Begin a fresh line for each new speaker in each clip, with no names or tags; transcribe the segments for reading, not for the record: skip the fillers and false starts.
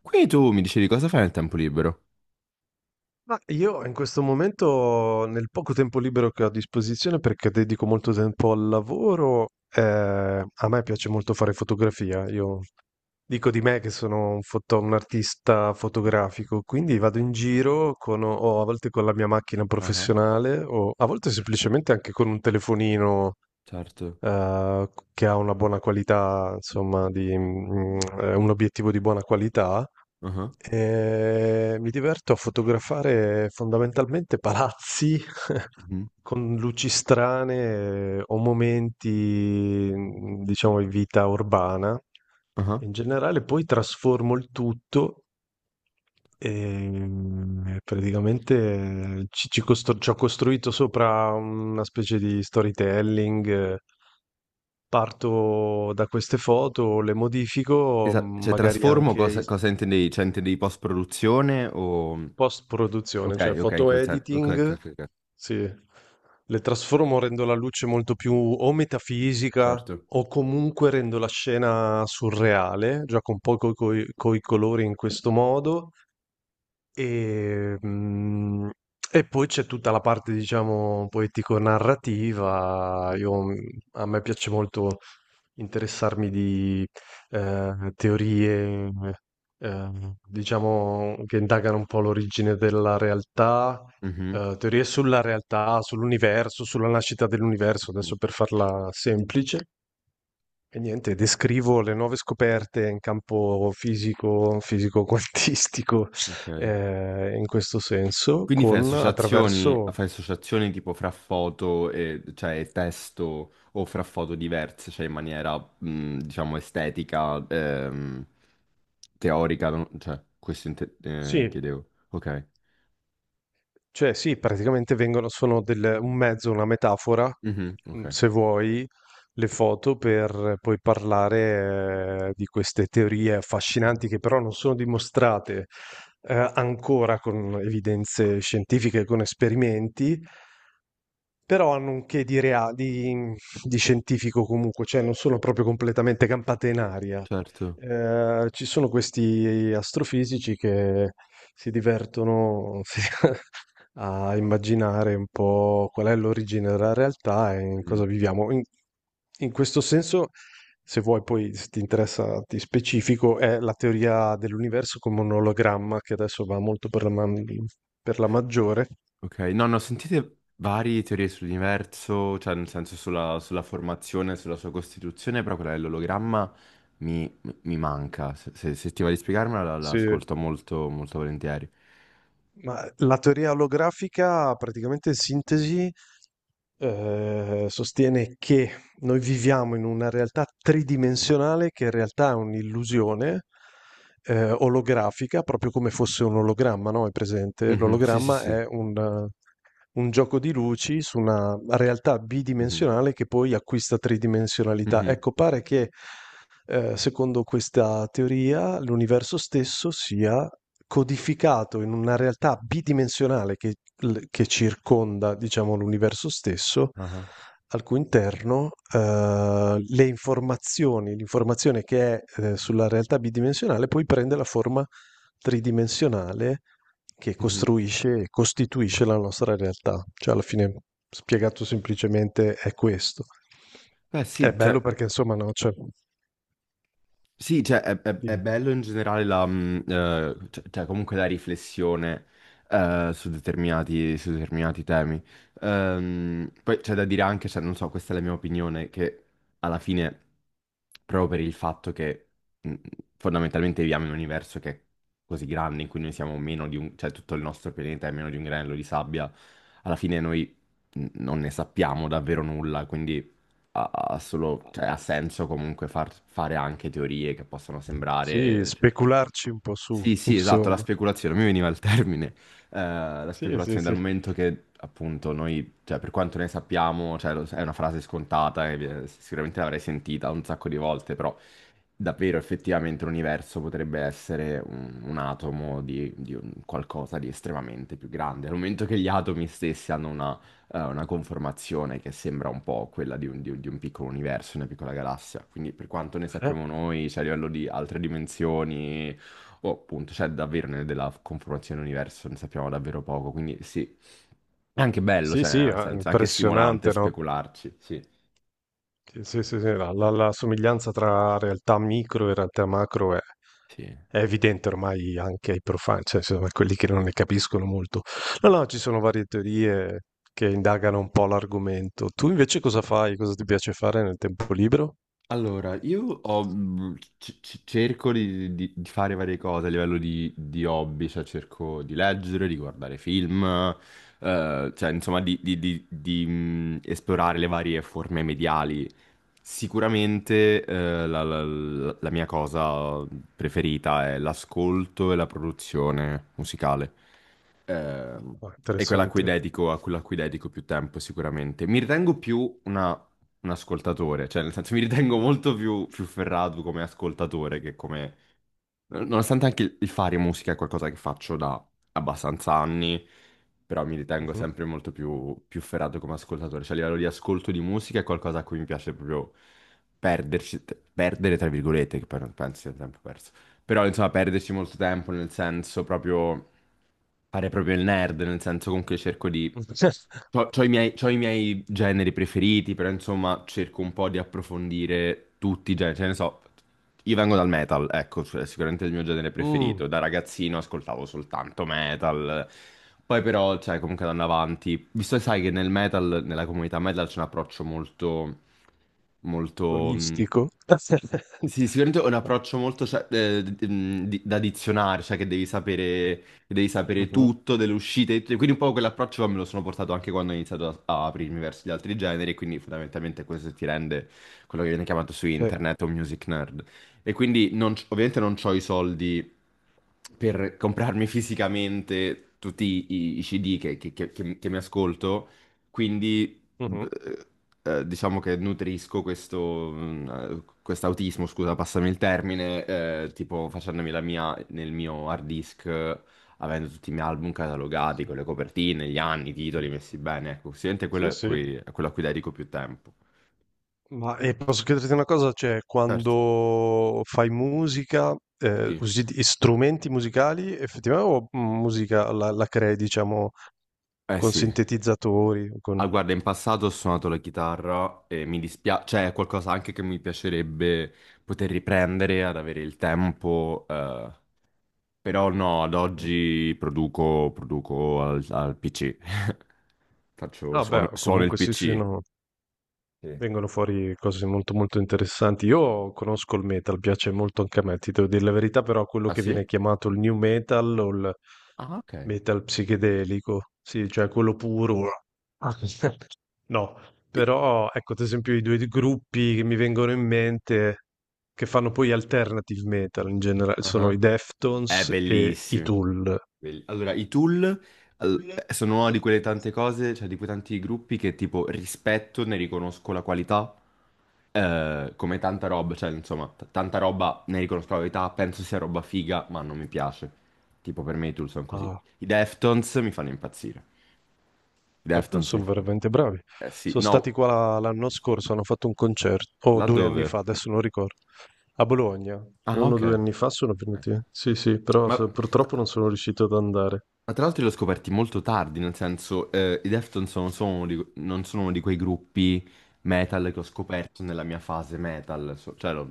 Quindi tu mi dicevi cosa fai nel tempo libero?
Ma io in questo momento, nel poco tempo libero che ho a disposizione, perché dedico molto tempo al lavoro, a me piace molto fare fotografia. Io dico di me che sono un artista
Ah,
fotografico, quindi vado in giro con, o a volte con la mia macchina
ah,
professionale, o a volte semplicemente anche con un telefonino,
certo.
che ha una buona qualità, insomma, un obiettivo di buona qualità.
Ah,
Mi diverto a fotografare fondamentalmente palazzi
mhm,
con luci strane o momenti, diciamo, di vita urbana.
ah.
In generale poi trasformo il tutto praticamente ci ho costruito sopra una specie di storytelling. Parto da queste foto, le modifico,
Cioè
magari
trasformo
anche
cosa intendevi? Cioè intendevi post-produzione o.
post-produzione,
Ok,
cioè
ok, in
photo
quel senso. Ok, ok,
editing,
ok, ok,
sì, le trasformo, rendo la luce molto più o metafisica
certo.
o comunque rendo la scena surreale, gioco un po' con i colori in questo modo e, mm, e poi c'è tutta la parte, diciamo, poetico-narrativa.
Mhm,
A me piace molto interessarmi di, teorie, diciamo che indagano un po' l'origine della realtà,
mhm,
teorie sulla realtà, sull'universo, sulla nascita dell'universo,
mhm,
adesso per farla semplice. E niente, descrivo le nuove scoperte in campo fisico, fisico-quantistico,
ok.
in questo senso,
Quindi fai
con
associazioni,
attraverso,
fai associazioni tipo fra foto e, cioè, e testo o fra foto diverse, cioè in maniera, diciamo, estetica, teorica, cioè, questo
sì,
chiedevo. Ok.
cioè sì, praticamente vengono, un mezzo, una metafora,
Mhm, ok.
se vuoi, le foto per poi parlare di queste teorie affascinanti che però non sono dimostrate ancora con evidenze scientifiche, con esperimenti, però hanno un che di scientifico comunque, cioè non sono proprio completamente campate in aria.
Certo.
Ci sono questi astrofisici che si divertono, sì, a immaginare un po' qual è l'origine della realtà e in
Mhm,
cosa viviamo. In questo senso, se vuoi poi, se ti interessa, ti specifico, è la teoria dell'universo come un ologramma, che adesso va molto per la maggiore.
ok. No, no, sentite varie teorie sull'universo, cioè nel senso sulla formazione, sulla sua costituzione, però quella dell'ologramma mi manca. Se ti va di spiegarmela, la
Sì.
ascolto molto, molto volentieri.
Ma la teoria olografica, praticamente in sintesi, sostiene che noi viviamo in una realtà tridimensionale che in realtà è un'illusione olografica, proprio come fosse un ologramma, no? È presente?
Mh-mh. Sì, sì,
L'ologramma
sì.
è un gioco di luci su una realtà
Mh-mh.
bidimensionale che poi acquista tridimensionalità.
Mh-mh.
Ecco, pare che secondo questa teoria, l'universo stesso sia codificato in una realtà bidimensionale che circonda, diciamo, l'universo stesso,
Ah-ah.
al cui interno l'informazione che è sulla realtà bidimensionale poi prende la forma tridimensionale che
Mh-mh.
costruisce e costituisce la nostra realtà. Cioè, alla fine, spiegato semplicemente, è questo.
Beh
È
sì, cioè.
bello perché, insomma, no, cioè,
Sì, cioè, è
dimmi.
bello in generale cioè, comunque la riflessione su determinati temi. Poi c'è da dire anche, cioè, non so, questa è la mia opinione, che alla fine, proprio per il fatto che mh, fondamentalmente viviamo in un universo che è così grande, in cui noi siamo meno di cioè tutto il nostro pianeta è meno di un granello di sabbia, alla fine noi non ne sappiamo davvero nulla, quindi
Ah,
cioè, ha
adesso-
senso comunque far fare anche teorie che possono
Sì,
sembrare.
specularci un po' su,
Sì, sì, esatto, la
insomma.
speculazione, mi veniva il termine, eh, la
Sì, sì,
speculazione dal
sì.
momento che appunto noi, cioè per quanto ne sappiamo, cioè, è una frase scontata, e sicuramente l'avrei sentita un sacco di volte, però davvero effettivamente l'universo potrebbe essere un, atomo di un qualcosa di estremamente più grande, al momento che gli atomi stessi hanno una conformazione che sembra un po' quella di un piccolo universo, una piccola galassia, quindi per quanto ne
Eh,
sappiamo noi, cioè a livello di altre dimensioni o appunto, cioè davvero della conformazione dell'universo ne sappiamo davvero poco, quindi sì, è anche bello,
Sì,
cioè,
sì,
nel senso, è anche stimolante
impressionante, no?
specularci, sì,
Sì, sì, sì, sì, la somiglianza tra realtà micro e realtà macro è
sì.
È evidente ormai anche ai profani, cioè insomma a quelli che non ne capiscono molto. No,
Sì.
no, ci sono varie teorie che indagano un po' l'argomento. Tu invece cosa fai? Cosa ti piace fare nel tempo libero?
Allora, io cerco di, di fare varie cose a livello di hobby, cioè cerco di leggere, di guardare film, cioè insomma di, di esplorare le varie forme mediali. Sicuramente la mia cosa preferita è l'ascolto e la produzione musicale. Eh,
Ah,
è quella
interessante.
a quella a cui dedico più tempo sicuramente. Mi ritengo più un ascoltatore, cioè nel senso mi ritengo molto più ferrato come ascoltatore che come. Nonostante anche il fare musica è qualcosa che faccio da abbastanza anni, però mi ritengo
Mh-mh.
sempre molto più ferrato come ascoltatore, cioè a livello di ascolto di musica è qualcosa a cui mi piace proprio perderci, perdere tra virgolette, che poi non penso sia tempo perso, però insomma perderci molto tempo nel senso proprio fare proprio il nerd, nel senso comunque cerco di. C'ho, c'ho i miei, c'ho i miei generi preferiti, però insomma cerco un po' di approfondire tutti i generi. Cioè, ne so, io vengo dal metal, ecco, cioè, sicuramente è il mio genere
Mh,
preferito. Da ragazzino ascoltavo soltanto metal. Poi però, cioè, comunque andando avanti, visto che sai che nel metal, nella comunità metal c'è un approccio molto, molto. mh,
olistico.
sì, sicuramente è un approccio molto cioè, da dizionario, cioè che devi sapere
Mh-mh.
tutto delle uscite, e quindi un po' quell'approccio me lo sono portato anche quando ho iniziato a, aprirmi verso gli altri generi, e quindi fondamentalmente questo ti rende quello che viene chiamato su
Eh.
internet un music nerd. E quindi non ovviamente non ho i soldi per comprarmi fisicamente tutti i CD che mi ascolto, quindi
Mh-mh.
eh, diciamo che nutrisco quest'autismo, scusa, passami il termine, tipo facendomi la mia nel mio hard disk, avendo tutti i miei album catalogati, con le copertine, gli anni, i titoli messi bene, ecco, sicuramente quello
Sì, sì.
è quello a cui dedico più tempo.
Ma e posso chiederti una cosa? Cioè,
Certo.
quando fai musica,
Sì.
usi strumenti musicali effettivamente o musica la crei, diciamo,
Eh
con
sì,
sintetizzatori? Con...
ah guarda, in passato ho suonato la chitarra e mi dispiace, cioè è qualcosa anche che mi piacerebbe poter riprendere ad avere il tempo. Però no, ad
Mhm.
oggi produco al PC. Faccio,
Ah,
suono,
beh,
suono il
comunque sì, sì,
PC.
no.
Sì.
Vengono fuori cose molto molto interessanti. Io conosco il metal, piace molto anche a me, ti devo dire la verità, però quello
Ah
che viene
sì?
chiamato il new metal o il
Ah, ok.
metal psichedelico, sì, cioè quello puro. Ah. No,
E-
però ecco, ad esempio i due gruppi che mi vengono in mente che fanno poi alternative metal in generale sono i
ah, è
Deftones e i
bellissimo.
Tool.
Allora, i Tool sono una di quelle tante cose, cioè di quei tanti gruppi che tipo rispetto, ne riconosco la qualità, come tanta roba, cioè insomma, tanta roba ne riconosco la qualità, penso sia roba figa, ma non mi piace. Tipo per me i Tool sono così.
Ah.
I Deftones mi fanno impazzire.
Certo,
Deftones in
sono
fondo.
veramente bravi.
Eh sì,
Sono stati
no.
qua l'anno
Sì. Sì.
scorso, hanno fatto un concerto, o due anni
Laddove?
fa, adesso non ricordo, a Bologna.
Ah,
Uno o
ok.
due
Eh.
anni fa sono venuti. Sì, sì, però
Ma t-
purtroppo non sono riuscito ad andare.
Ma tra l'altro li ho scoperti molto tardi, nel senso, i Deftones non sono uno di quei gruppi metal che ho scoperto nella mia fase metal, cioè, lo-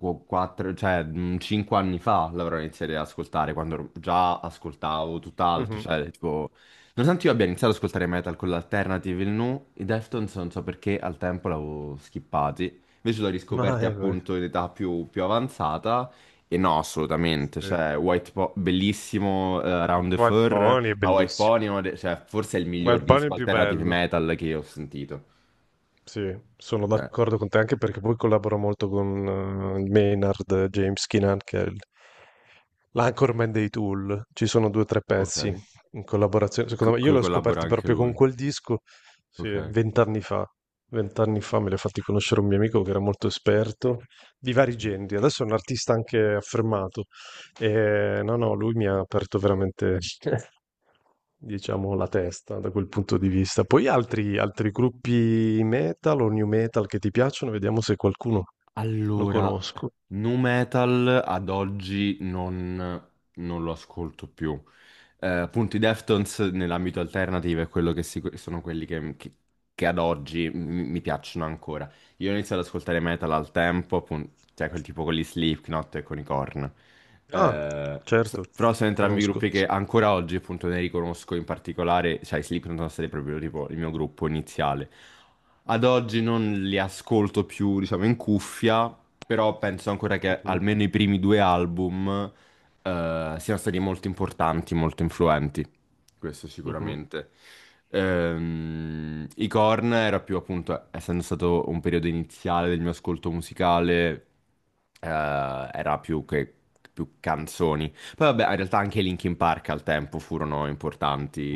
qu- quattro, cioè, 5 anni fa l'avrò iniziato ad ascoltare, quando già ascoltavo tutt'altro,
Mhm.
cioè, tipo. Nonostante io abbia iniziato ad ascoltare metal con l'alternative e i Deftones non so perché al tempo l'avevo skippati, invece l'ho
Ma
riscoperti
beh,
appunto in età più avanzata e no, assolutamente,
sì.
cioè, bellissimo, Round the
White
Fur,
Pony è
ma White
bellissimo.
Pony, è cioè, forse è il miglior
White Pony è
disco
il più
alternative
bello.
metal che io ho sentito.
Sì, sono
Cioè,
d'accordo con te anche perché poi collaboro molto con Maynard, James Keenan, che è l'anchorman dei Tool. Ci sono due o tre pezzi
ok.
in collaborazione. Secondo
Co-
me, io
co-
li ho
collabora
scoperti
anche
proprio con
lui.
quel disco, sì,
Ok.
vent'anni fa. Vent'anni fa me li ha fatti conoscere un mio amico che era molto esperto di vari
Mhm.
generi. Adesso è un artista anche affermato. E, no, no, lui mi ha aperto veramente, diciamo, la testa da quel punto di vista. Poi altri, gruppi metal o new metal che ti piacciono, vediamo se qualcuno lo
Allora,
conosco.
nu metal ad oggi non lo ascolto più. Appunto, i Deftones nell'ambito alternative è quello che sicu- sono quelli che ad oggi mi piacciono ancora. Io ho iniziato ad ascoltare metal al tempo, appunto, cioè quel tipo con gli Slipknot e con i Korn.
Ah,
Eh, s-
certo,
però sono entrambi
conosco,
gruppi che
sì.
ancora oggi, appunto, ne riconosco in particolare, cioè i Slipknot sono stati proprio tipo il mio gruppo iniziale. Ad oggi non li ascolto più, diciamo, in cuffia, però penso ancora che
Mhm,
almeno i primi due album, siano stati molto importanti, molto influenti questo
mhm.
sicuramente. I Korn era più appunto, essendo stato un periodo iniziale del mio ascolto musicale, eh, era più che più canzoni. Poi vabbè, in realtà anche i Linkin Park al tempo furono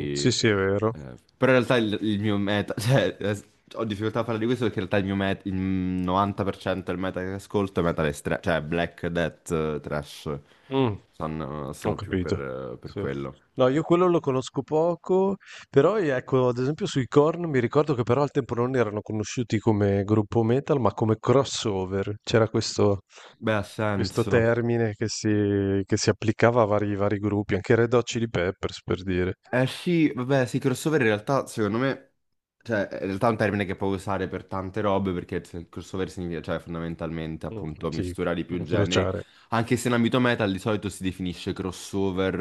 Mm, sì,
eh,
sì, è vero.
però in realtà il, mio meta, cioè, ho difficoltà a parlare di questo perché in realtà il mio meta, il 90% del meta che ascolto è metal cioè Black Death, Trash,
Mm,
sono,
ho
sono più
capito.
per
Sì.
quello.
No, io quello lo conosco poco, però ecco, ad esempio sui Korn mi ricordo che però al tempo non erano conosciuti come gruppo metal, ma come crossover. C'era
Beh, ha
questo
senso.
termine che si applicava a vari gruppi, anche Red Hot Chili Peppers per dire,
Eh sì, vabbè, sì, crossover in realtà, secondo me, cioè, in realtà è un termine che puoi usare per tante robe, perché crossover significa, cioè, fondamentalmente,
mm,
appunto,
sì,
misturare i più generi,
incrociare.
anche se in ambito metal di solito si definisce crossover,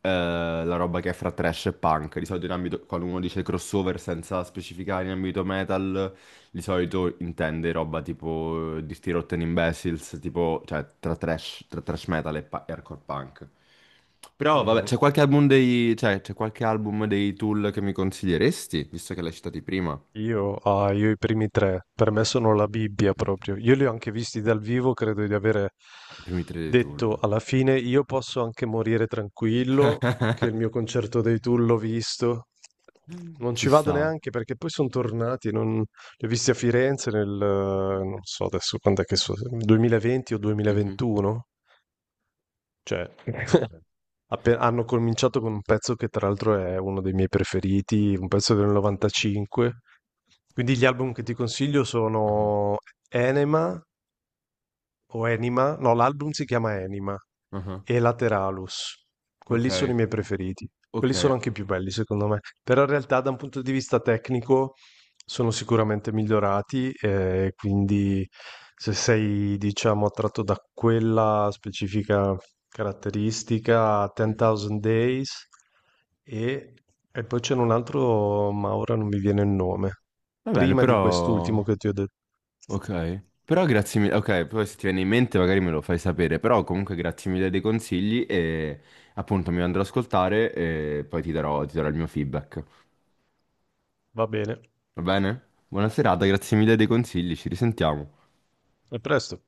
la roba che è fra trash e punk, di solito in ambito, quando uno dice crossover senza specificare in ambito metal, di solito intende roba tipo di Sti Rotten Imbeciles, tipo, cioè, tra trash metal e hardcore punk. Però vabbè,
Mhm.
c'è qualche album dei, cioè, c'è qualche album dei Tool che mi consiglieresti, visto che l'hai citati prima?
Io i primi tre, per me sono la Bibbia
Mm.
proprio. Io li ho anche visti dal vivo, credo di avere
I primi tre dei Tool.
detto
Ok.
alla fine, io posso anche morire tranquillo, che il mio concerto dei Tool l'ho visto. Non ci
Ci
vado
sta.
neanche perché poi sono tornati, non... li ho visti a Firenze non so adesso quando è che so, 2020 o
Mhm.
2021. Cioè,
Ok.
hanno cominciato con un pezzo che tra l'altro è uno dei miei preferiti, un pezzo del 95. Quindi gli album che ti consiglio
Ah,
sono Enema, o Enima, no, l'album si chiama Enima
ah, ah.
e Lateralus.
Ok.
Quelli sono i miei preferiti. Quelli
Ok.
sono anche i più belli, secondo me. Però in realtà, da un punto di vista tecnico, sono sicuramente migliorati. E quindi, se sei, diciamo, attratto da quella specifica caratteristica,
Mhm.
10.000 Days, e, e poi c'è un altro, ma ora non mi viene il nome.
Va bene,
Prima di
però.
quest'ultimo che ti ho detto.
Ok. Però grazie mille. Ok, poi se ti viene in mente magari me lo fai sapere, però comunque grazie mille dei consigli e appunto mi andrò ad ascoltare e poi ti darò, il mio feedback.
Va bene,
Va bene? Buona serata, grazie mille dei consigli, ci risentiamo.
a presto.